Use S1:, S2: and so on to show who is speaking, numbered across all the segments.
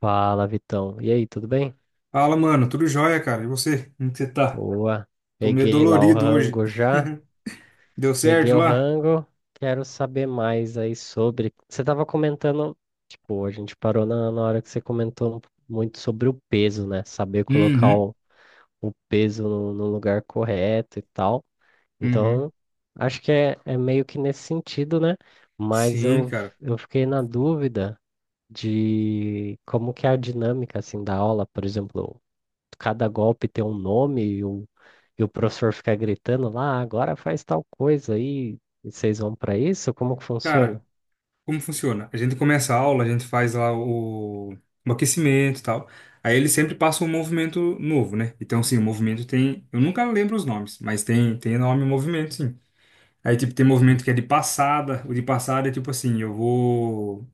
S1: Fala, Vitão. E aí, tudo bem?
S2: Fala, mano. Tudo jóia, cara. E você? Como que você tá?
S1: Boa.
S2: Tô meio
S1: Peguei lá o
S2: dolorido hoje.
S1: rango já.
S2: Deu
S1: Peguei
S2: certo
S1: o
S2: lá?
S1: rango. Quero saber mais aí sobre. Você tava comentando, tipo, a gente parou na hora que você comentou muito sobre o peso, né? Saber colocar
S2: Uhum.
S1: o peso no lugar correto e tal.
S2: Uhum.
S1: Então, acho que é meio que nesse sentido, né? Mas
S2: Sim, cara.
S1: eu fiquei na dúvida de como que é a dinâmica, assim, da aula, por exemplo. Cada golpe ter um nome e o professor ficar gritando lá: "Ah, agora faz tal coisa aí, e vocês vão para isso?" Como que funciona?
S2: Cara, como funciona? A gente começa a aula, a gente faz lá o aquecimento e tal. Aí eles sempre passam um movimento novo, né? Então, sim, o movimento tem. Eu nunca lembro os nomes, mas tem nome e movimento, sim. Aí, tipo, tem movimento que é de passada. O de passada é tipo assim: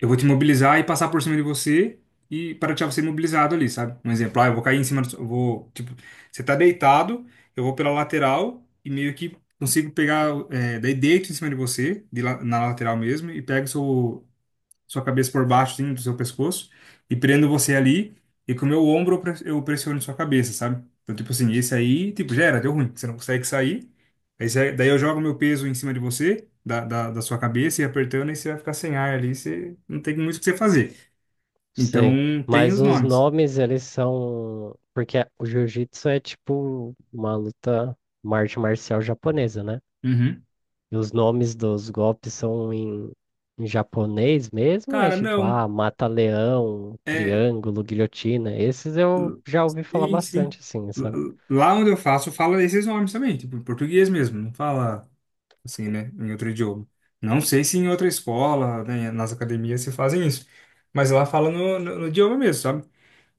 S2: eu vou te imobilizar e passar por cima de você e para deixar você imobilizado ali, sabe? Um exemplo, ah, eu vou cair em cima do, eu vou, tipo, você tá deitado, eu vou pela lateral e meio que consigo pegar, é, daí deito em cima de você, na lateral mesmo, e pego sua cabeça por baixo, assim, do seu pescoço, e prendo você ali, e com o meu ombro eu pressiono sua cabeça, sabe? Então, tipo assim, esse aí, tipo, já era, deu ruim, você não consegue sair. Daí eu jogo meu peso em cima de você, da sua cabeça, e apertando, e você vai ficar sem ar ali, você não tem muito o que você fazer.
S1: Sei,
S2: Então, tem
S1: mas
S2: os
S1: os
S2: nomes.
S1: nomes eles são. Porque o jiu-jitsu é tipo uma luta, uma arte marcial japonesa, né?
S2: Uhum.
S1: E os nomes dos golpes são em, em japonês mesmo, é
S2: Cara,
S1: tipo,
S2: não.
S1: ah, mata-leão,
S2: É,
S1: triângulo, guilhotina. Esses eu já ouvi falar
S2: sim, sim.
S1: bastante, assim,
S2: Lá
S1: sabe?
S2: lá onde eu faço, fala esses nomes também, tipo, em português mesmo, não fala. Assim, né? Em outro idioma. Não sei se em outra escola, né, nas academias se fazem isso, mas lá fala no idioma mesmo, sabe?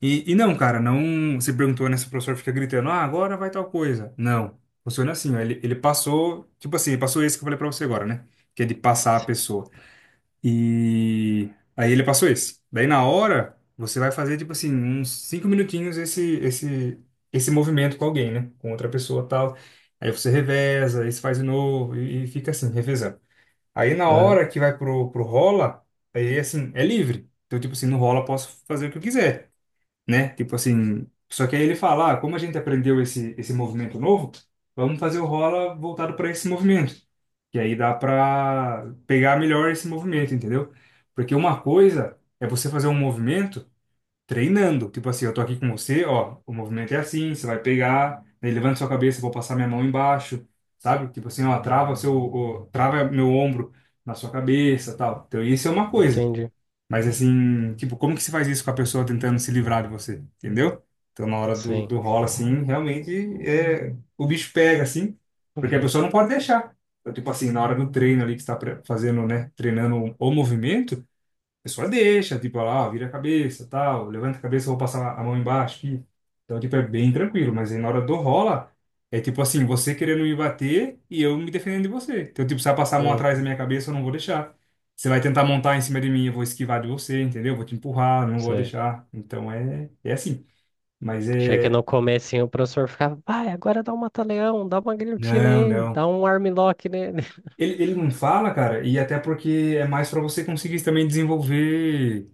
S2: E não, cara, não. Você perguntou, né? Se o professor fica gritando, ah, agora vai tal coisa. Não. Funciona assim, ó, ele passou, tipo assim, ele passou esse que eu falei pra você agora, né? Que é de passar a pessoa. E aí ele passou esse. Daí na hora, você vai fazer, tipo assim, uns cinco minutinhos esse movimento com alguém, né? Com outra pessoa tal. Aí você reveza, aí você faz de novo e fica assim, revezando. Aí na
S1: Ah,
S2: hora que vai pro rola, aí assim, é livre. Então, tipo assim, no rola eu posso fazer o que eu quiser, né? Tipo assim, só que aí ele fala, ah, como a gente aprendeu esse movimento novo, vamos fazer o rola voltado para esse movimento. E aí dá para pegar melhor esse movimento, entendeu? Porque uma coisa é você fazer um movimento treinando, tipo assim, eu tô aqui com você, ó, o movimento é assim, você vai pegar, né, levanta sua cabeça, eu vou passar minha mão embaixo, sabe? Tipo assim, ó, trava meu ombro na sua cabeça, tal. Então isso é uma coisa.
S1: entendi.
S2: Mas assim, tipo, como que se faz isso com a pessoa tentando se livrar de você? Entendeu? Então, na hora
S1: Sim.
S2: do rola, assim, realmente é, o bicho pega, assim, porque a
S1: Uhum.
S2: pessoa não pode deixar. Então, tipo assim, na hora do treino ali que você está fazendo, né? Treinando o movimento. A pessoa deixa, tipo, ela, ah, vira a cabeça, tal, levanta a cabeça, eu vou passar a mão embaixo aqui. Então, tipo, é bem tranquilo, mas aí na hora do rola, é tipo assim, você querendo me bater e eu me defendendo de você. Então, tipo, se ela passar a mão atrás da
S1: Uhum.
S2: minha cabeça, eu não vou deixar. Você vai tentar montar em cima de mim, eu vou esquivar de você, entendeu? Vou te empurrar, não vou
S1: Sei.
S2: deixar. Então, é assim. Mas
S1: Achei que no
S2: é...
S1: comecinho o professor ficava, vai, agora dá um mata-leão, dá uma guilhotina
S2: Não,
S1: aí,
S2: não.
S1: dá um armlock nele.
S2: Ele não fala, cara, e até porque é mais pra você conseguir também desenvolver...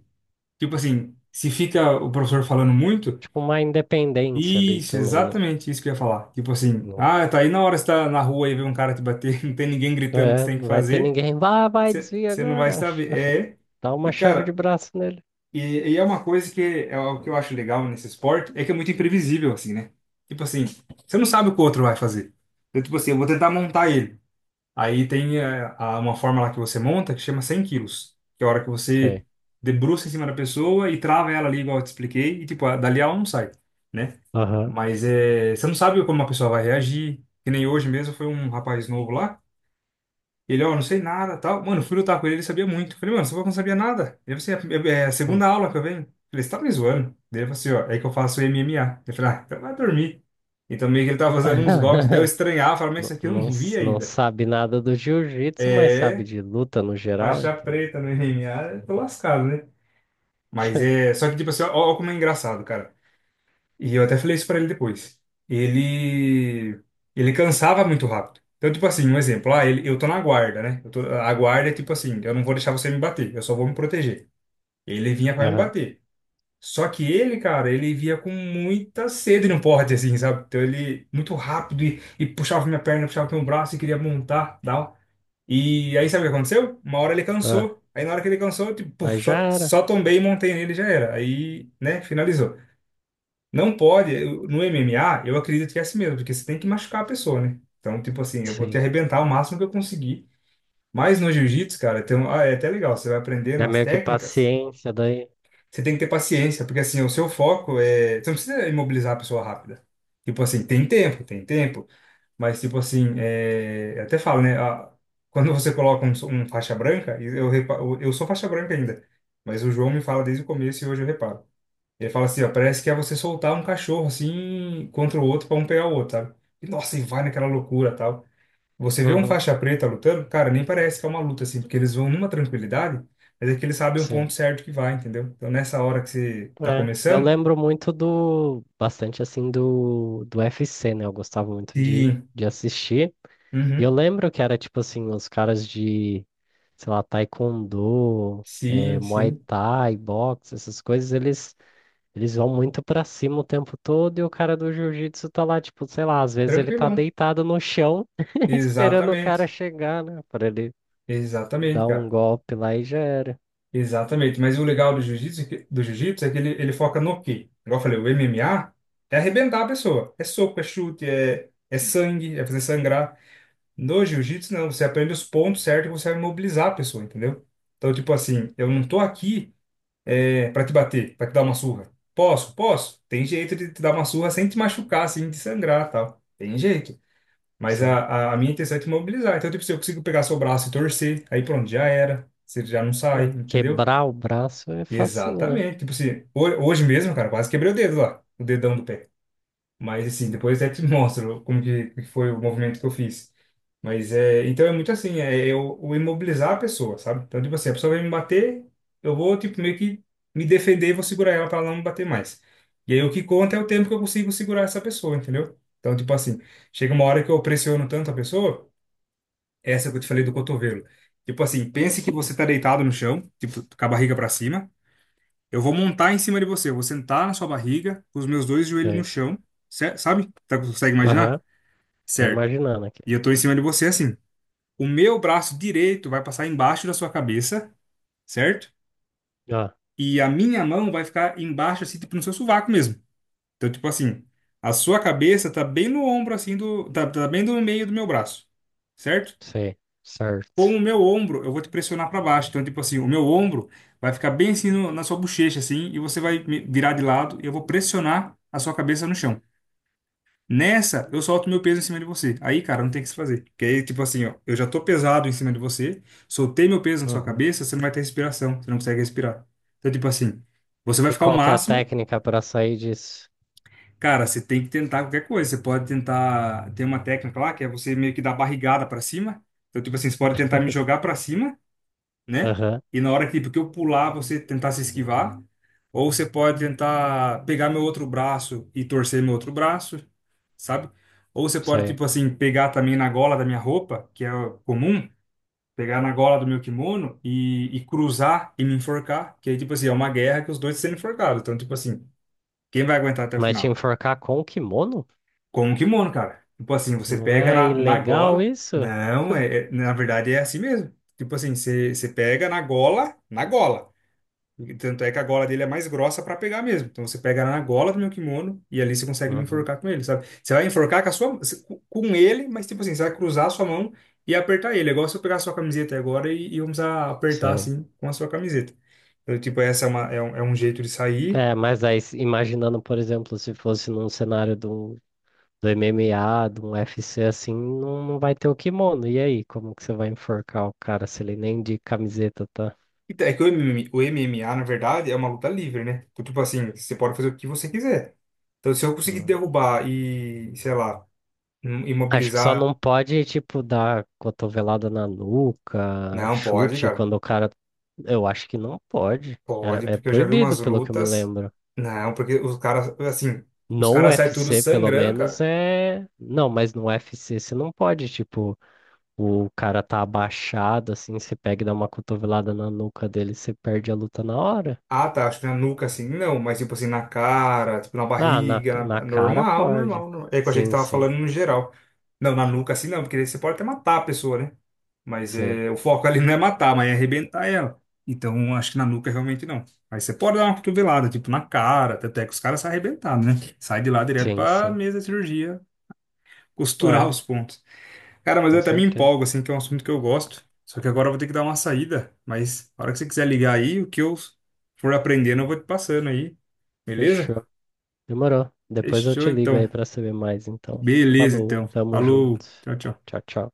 S2: Tipo assim, se fica o professor falando muito...
S1: Tipo, uma independência ali
S2: Isso,
S1: também, né?
S2: exatamente isso que eu ia falar. Tipo assim,
S1: Não,
S2: ah, tá aí na hora que você tá na rua e vê um cara te bater, não tem ninguém
S1: não
S2: gritando o que
S1: é,
S2: você tem que
S1: não vai ter
S2: fazer,
S1: ninguém, vai, vai, desvia
S2: você não vai
S1: agora.
S2: saber. É,
S1: Dá uma
S2: e
S1: chave de
S2: cara,
S1: braço nele.
S2: e, e é uma coisa que é o que eu acho legal nesse esporte, é que é muito imprevisível, assim, né? Tipo assim, você não sabe o que o outro vai fazer. Eu, tipo assim, eu vou tentar montar ele. Aí tem uma forma lá que você monta que chama 100 quilos, que é a hora que você
S1: Sei.
S2: debruça em cima da pessoa e trava ela ali, igual eu te expliquei, e tipo, dali ela não sai, né?
S1: Aham.
S2: Mas é, você não sabe como a pessoa vai reagir, que nem hoje mesmo foi um rapaz novo lá, ele, ó, não sei nada, tal. Mano, eu fui lutar com ele, ele sabia muito. Falei, mano, você não sabia nada. Ele falou assim, é a
S1: Hum.
S2: segunda aula que eu venho. Falei, você tá me zoando? Daí ele falou assim, ó, é que eu faço MMA. Eu falei, ah, então vai dormir. Então meio que ele tava fazendo uns golpes, daí eu estranhava, falava, mas isso
S1: Não,
S2: aqui eu
S1: não,
S2: não vi
S1: não
S2: ainda.
S1: sabe nada do jiu-jitsu, mas sabe
S2: É,
S1: de luta no geral,
S2: faixa
S1: então.
S2: preta no MMA, tô lascado, né? Mas é. Só que, tipo assim, ó como é engraçado, cara. E eu até falei isso pra ele depois. Ele. Ele cansava muito rápido. Então, tipo assim, um exemplo. Ah, eu tô na guarda, né? A guarda é tipo assim: eu não vou deixar você me bater, eu só vou me proteger. Ele vinha pra me
S1: Aham.
S2: bater. Só que ele, cara, ele via com muita sede no porte, assim, sabe? Então ele, muito rápido, e puxava minha perna, puxava meu braço e queria montar, tal. E aí sabe o que aconteceu? Uma hora ele
S1: Ah,
S2: cansou. Aí na hora que ele cansou, eu, tipo, puf,
S1: mas já era.
S2: só tombei e montei nele e já era. Aí, né, finalizou. Não pode, no MMA, eu acredito que é assim mesmo, porque você tem que machucar a pessoa, né? Então, tipo assim, eu vou te
S1: Sim.
S2: arrebentar o máximo que eu conseguir. Mas no jiu-jitsu, cara, ah, é até legal, você vai aprendendo
S1: É
S2: as
S1: meio que
S2: técnicas,
S1: paciência daí.
S2: você tem que ter paciência, porque assim, o seu foco é. Você não precisa imobilizar a pessoa rápida. Tipo assim, tem tempo, tem tempo. Mas, tipo assim, é... eu até falo, né? Quando você coloca um faixa branca, e eu, repa... eu sou faixa branca ainda, mas o João me fala desde o começo e hoje eu reparo. Ele fala assim, ó, parece que é você soltar um cachorro assim contra o outro pra um pegar o outro, sabe? E, nossa, e vai naquela loucura tal. Você vê um
S1: Uhum.
S2: faixa preta lutando, cara, nem parece que é uma luta assim, porque eles vão numa tranquilidade, mas é que eles sabem o
S1: Sim.
S2: ponto certo que vai, entendeu? Então, nessa hora que você tá
S1: É, eu
S2: começando,
S1: lembro muito do, bastante assim do, do UFC, né? Eu gostava muito
S2: sim,
S1: de assistir. E eu
S2: uhum,
S1: lembro que era tipo assim, os caras de, sei lá, Taekwondo,
S2: sim,
S1: Muay
S2: sim,
S1: Thai, boxe, essas coisas, eles vão muito pra cima o tempo todo e o cara do jiu-jitsu tá lá, tipo, sei lá, às vezes ele tá
S2: tranquilão.
S1: deitado no chão esperando o cara
S2: Exatamente.
S1: chegar, né? Pra ele
S2: Exatamente,
S1: dar um
S2: cara.
S1: golpe lá e já era.
S2: Exatamente. Mas o legal do jiu-jitsu é que ele foca no quê? Igual eu falei, o MMA é arrebentar a pessoa. É soco, é chute, é sangue, é fazer sangrar. No jiu-jitsu, não. Você aprende os pontos certos que você vai mobilizar a pessoa, entendeu? Então, tipo assim, eu não tô aqui é, para te bater, para te dar uma surra. Posso? Posso. Tem jeito de te dar uma surra sem te machucar, sem te sangrar, tal. Tem jeito. Mas
S1: Sim.
S2: a minha intenção é te mobilizar. Então, tipo, se eu consigo pegar seu braço e torcer, aí pronto, já era. Você já não sai,
S1: É,
S2: entendeu?
S1: quebrar o braço é facinho, né?
S2: Exatamente. Tipo assim, hoje mesmo, cara, quase quebrei o dedo lá, o dedão do pé. Mas assim, depois até te mostro como que foi o movimento que eu fiz. Mas é, então é muito assim, é eu, o imobilizar a pessoa, sabe? Então, tipo assim, a pessoa vai me bater, eu vou, tipo, meio que me defender e vou segurar ela pra ela não me bater mais. E aí o que conta é o tempo que eu consigo segurar essa pessoa, entendeu? Então, tipo assim, chega uma hora que eu pressiono tanto a pessoa essa que eu te falei do cotovelo. Tipo assim, pense que você tá deitado no chão, tipo, com a barriga para cima. Eu vou montar em cima de você, eu vou sentar na sua barriga, com os meus dois joelhos no chão, sabe? Tá, consegue imaginar?
S1: Aham, tô
S2: Certo.
S1: imaginando aqui.
S2: E eu tô em cima de você assim. O meu braço direito vai passar embaixo da sua cabeça, certo?
S1: Ah,
S2: E a minha mão vai ficar embaixo, assim, tipo no seu sovaco mesmo. Então, tipo assim, a sua cabeça tá bem no ombro, assim, do, tá, tá bem no meio do meu braço, certo?
S1: sei,
S2: Com
S1: certo.
S2: o meu ombro, eu vou te pressionar para baixo. Então, tipo assim, o meu ombro vai ficar bem assim na sua bochecha, assim, e você vai me virar de lado e eu vou pressionar a sua cabeça no chão. Nessa, eu solto meu peso em cima de você. Aí, cara, não tem o que se fazer. Porque aí, tipo assim, ó, eu já tô pesado em cima de você, soltei meu peso na sua
S1: Uhum.
S2: cabeça, você não vai ter respiração, você não consegue respirar. Então, tipo assim, você vai
S1: E
S2: ficar o
S1: qual que é a
S2: máximo.
S1: técnica para sair disso?
S2: Cara, você tem que tentar qualquer coisa. Você pode tentar. Tem uma técnica lá que é você meio que dar barrigada para cima. Então, tipo assim, você pode tentar me jogar para cima, né?
S1: Aham,
S2: E na hora que, tipo, que eu pular, você tentar se esquivar. Ou você pode tentar pegar meu outro braço e torcer meu outro braço, sabe? Ou você pode,
S1: sei.
S2: tipo assim, pegar também na gola da minha roupa, que é comum, pegar na gola do meu kimono e cruzar e me enforcar. Que aí, tipo assim, é uma guerra que os dois sendo enforcados. Então, tipo assim, quem vai aguentar até o
S1: Mas te
S2: final?
S1: enforcar com o kimono?
S2: Com o kimono, cara. Tipo assim, você
S1: Não
S2: pega
S1: é
S2: na, na
S1: ilegal
S2: gola.
S1: isso?
S2: Não, é, é- na verdade é assim mesmo. Tipo assim, você pega na gola, na gola. Tanto é que a gola dele é mais grossa pra pegar mesmo. Então você pega na gola do meu kimono e ali você consegue me
S1: Uhum,
S2: enforcar com ele, sabe? Você vai enforcar com a sua, com ele, mas tipo assim, você vai cruzar a sua mão e apertar ele. É igual se eu pegar a sua camiseta agora e vamos apertar
S1: sei.
S2: assim com a sua camiseta. Então, tipo, essa é um jeito de sair.
S1: É, mas aí imaginando, por exemplo, se fosse num cenário do, do MMA, de um UFC assim, não, não vai ter o kimono. E aí, como que você vai enforcar o cara se ele nem de camiseta tá?
S2: É que o MMA, o MMA, na verdade, é uma luta livre, né? Então, tipo assim, você pode fazer o que você quiser. Então, se eu conseguir
S1: Hum.
S2: derrubar e, sei lá,
S1: Acho que só
S2: imobilizar.
S1: não pode, tipo, dar cotovelada na nuca,
S2: Não, pode,
S1: chute
S2: cara.
S1: quando o cara. Eu acho que não pode.
S2: Pode,
S1: É
S2: porque eu já vi
S1: proibido,
S2: umas
S1: pelo que eu me
S2: lutas.
S1: lembro.
S2: Não, porque os caras, assim, os
S1: No
S2: caras saem tudo
S1: UFC, pelo
S2: sangrando,
S1: menos,
S2: cara.
S1: é. Não, mas no UFC você não pode, tipo, o cara tá abaixado, assim, você pega e dá uma cotovelada na nuca dele, você perde a luta na hora.
S2: Ah, tá, acho que na nuca, assim, não, mas tipo assim, na cara, tipo na
S1: Ah, na,
S2: barriga,
S1: na
S2: é
S1: cara pode.
S2: normal. É que eu achei que
S1: Sim,
S2: tava
S1: sim,
S2: falando no geral. Não, na nuca, assim, não, porque daí você pode até matar a pessoa, né? Mas
S1: sim,
S2: é, o foco ali não é matar, mas é arrebentar ela. Então, acho que na nuca realmente não. Mas você pode dar uma cotovelada, tipo, na cara, até que os caras saem arrebentados, né? Sai de lá direto
S1: sim,
S2: pra
S1: sim.
S2: mesa de cirurgia, costurar
S1: É,
S2: os pontos. Cara, mas eu
S1: com
S2: até me
S1: certeza.
S2: empolgo, assim, que é um assunto que eu gosto. Só que agora eu vou ter que dar uma saída. Mas na hora que você quiser ligar aí, o que eu for aprendendo, eu vou te passando aí. Beleza?
S1: Fechou. Demorou. Depois eu
S2: Fechou,
S1: te ligo aí
S2: então.
S1: pra saber mais, então.
S2: Beleza,
S1: Falou,
S2: então.
S1: tamo junto.
S2: Falou. Tchau, tchau.
S1: Tchau, tchau.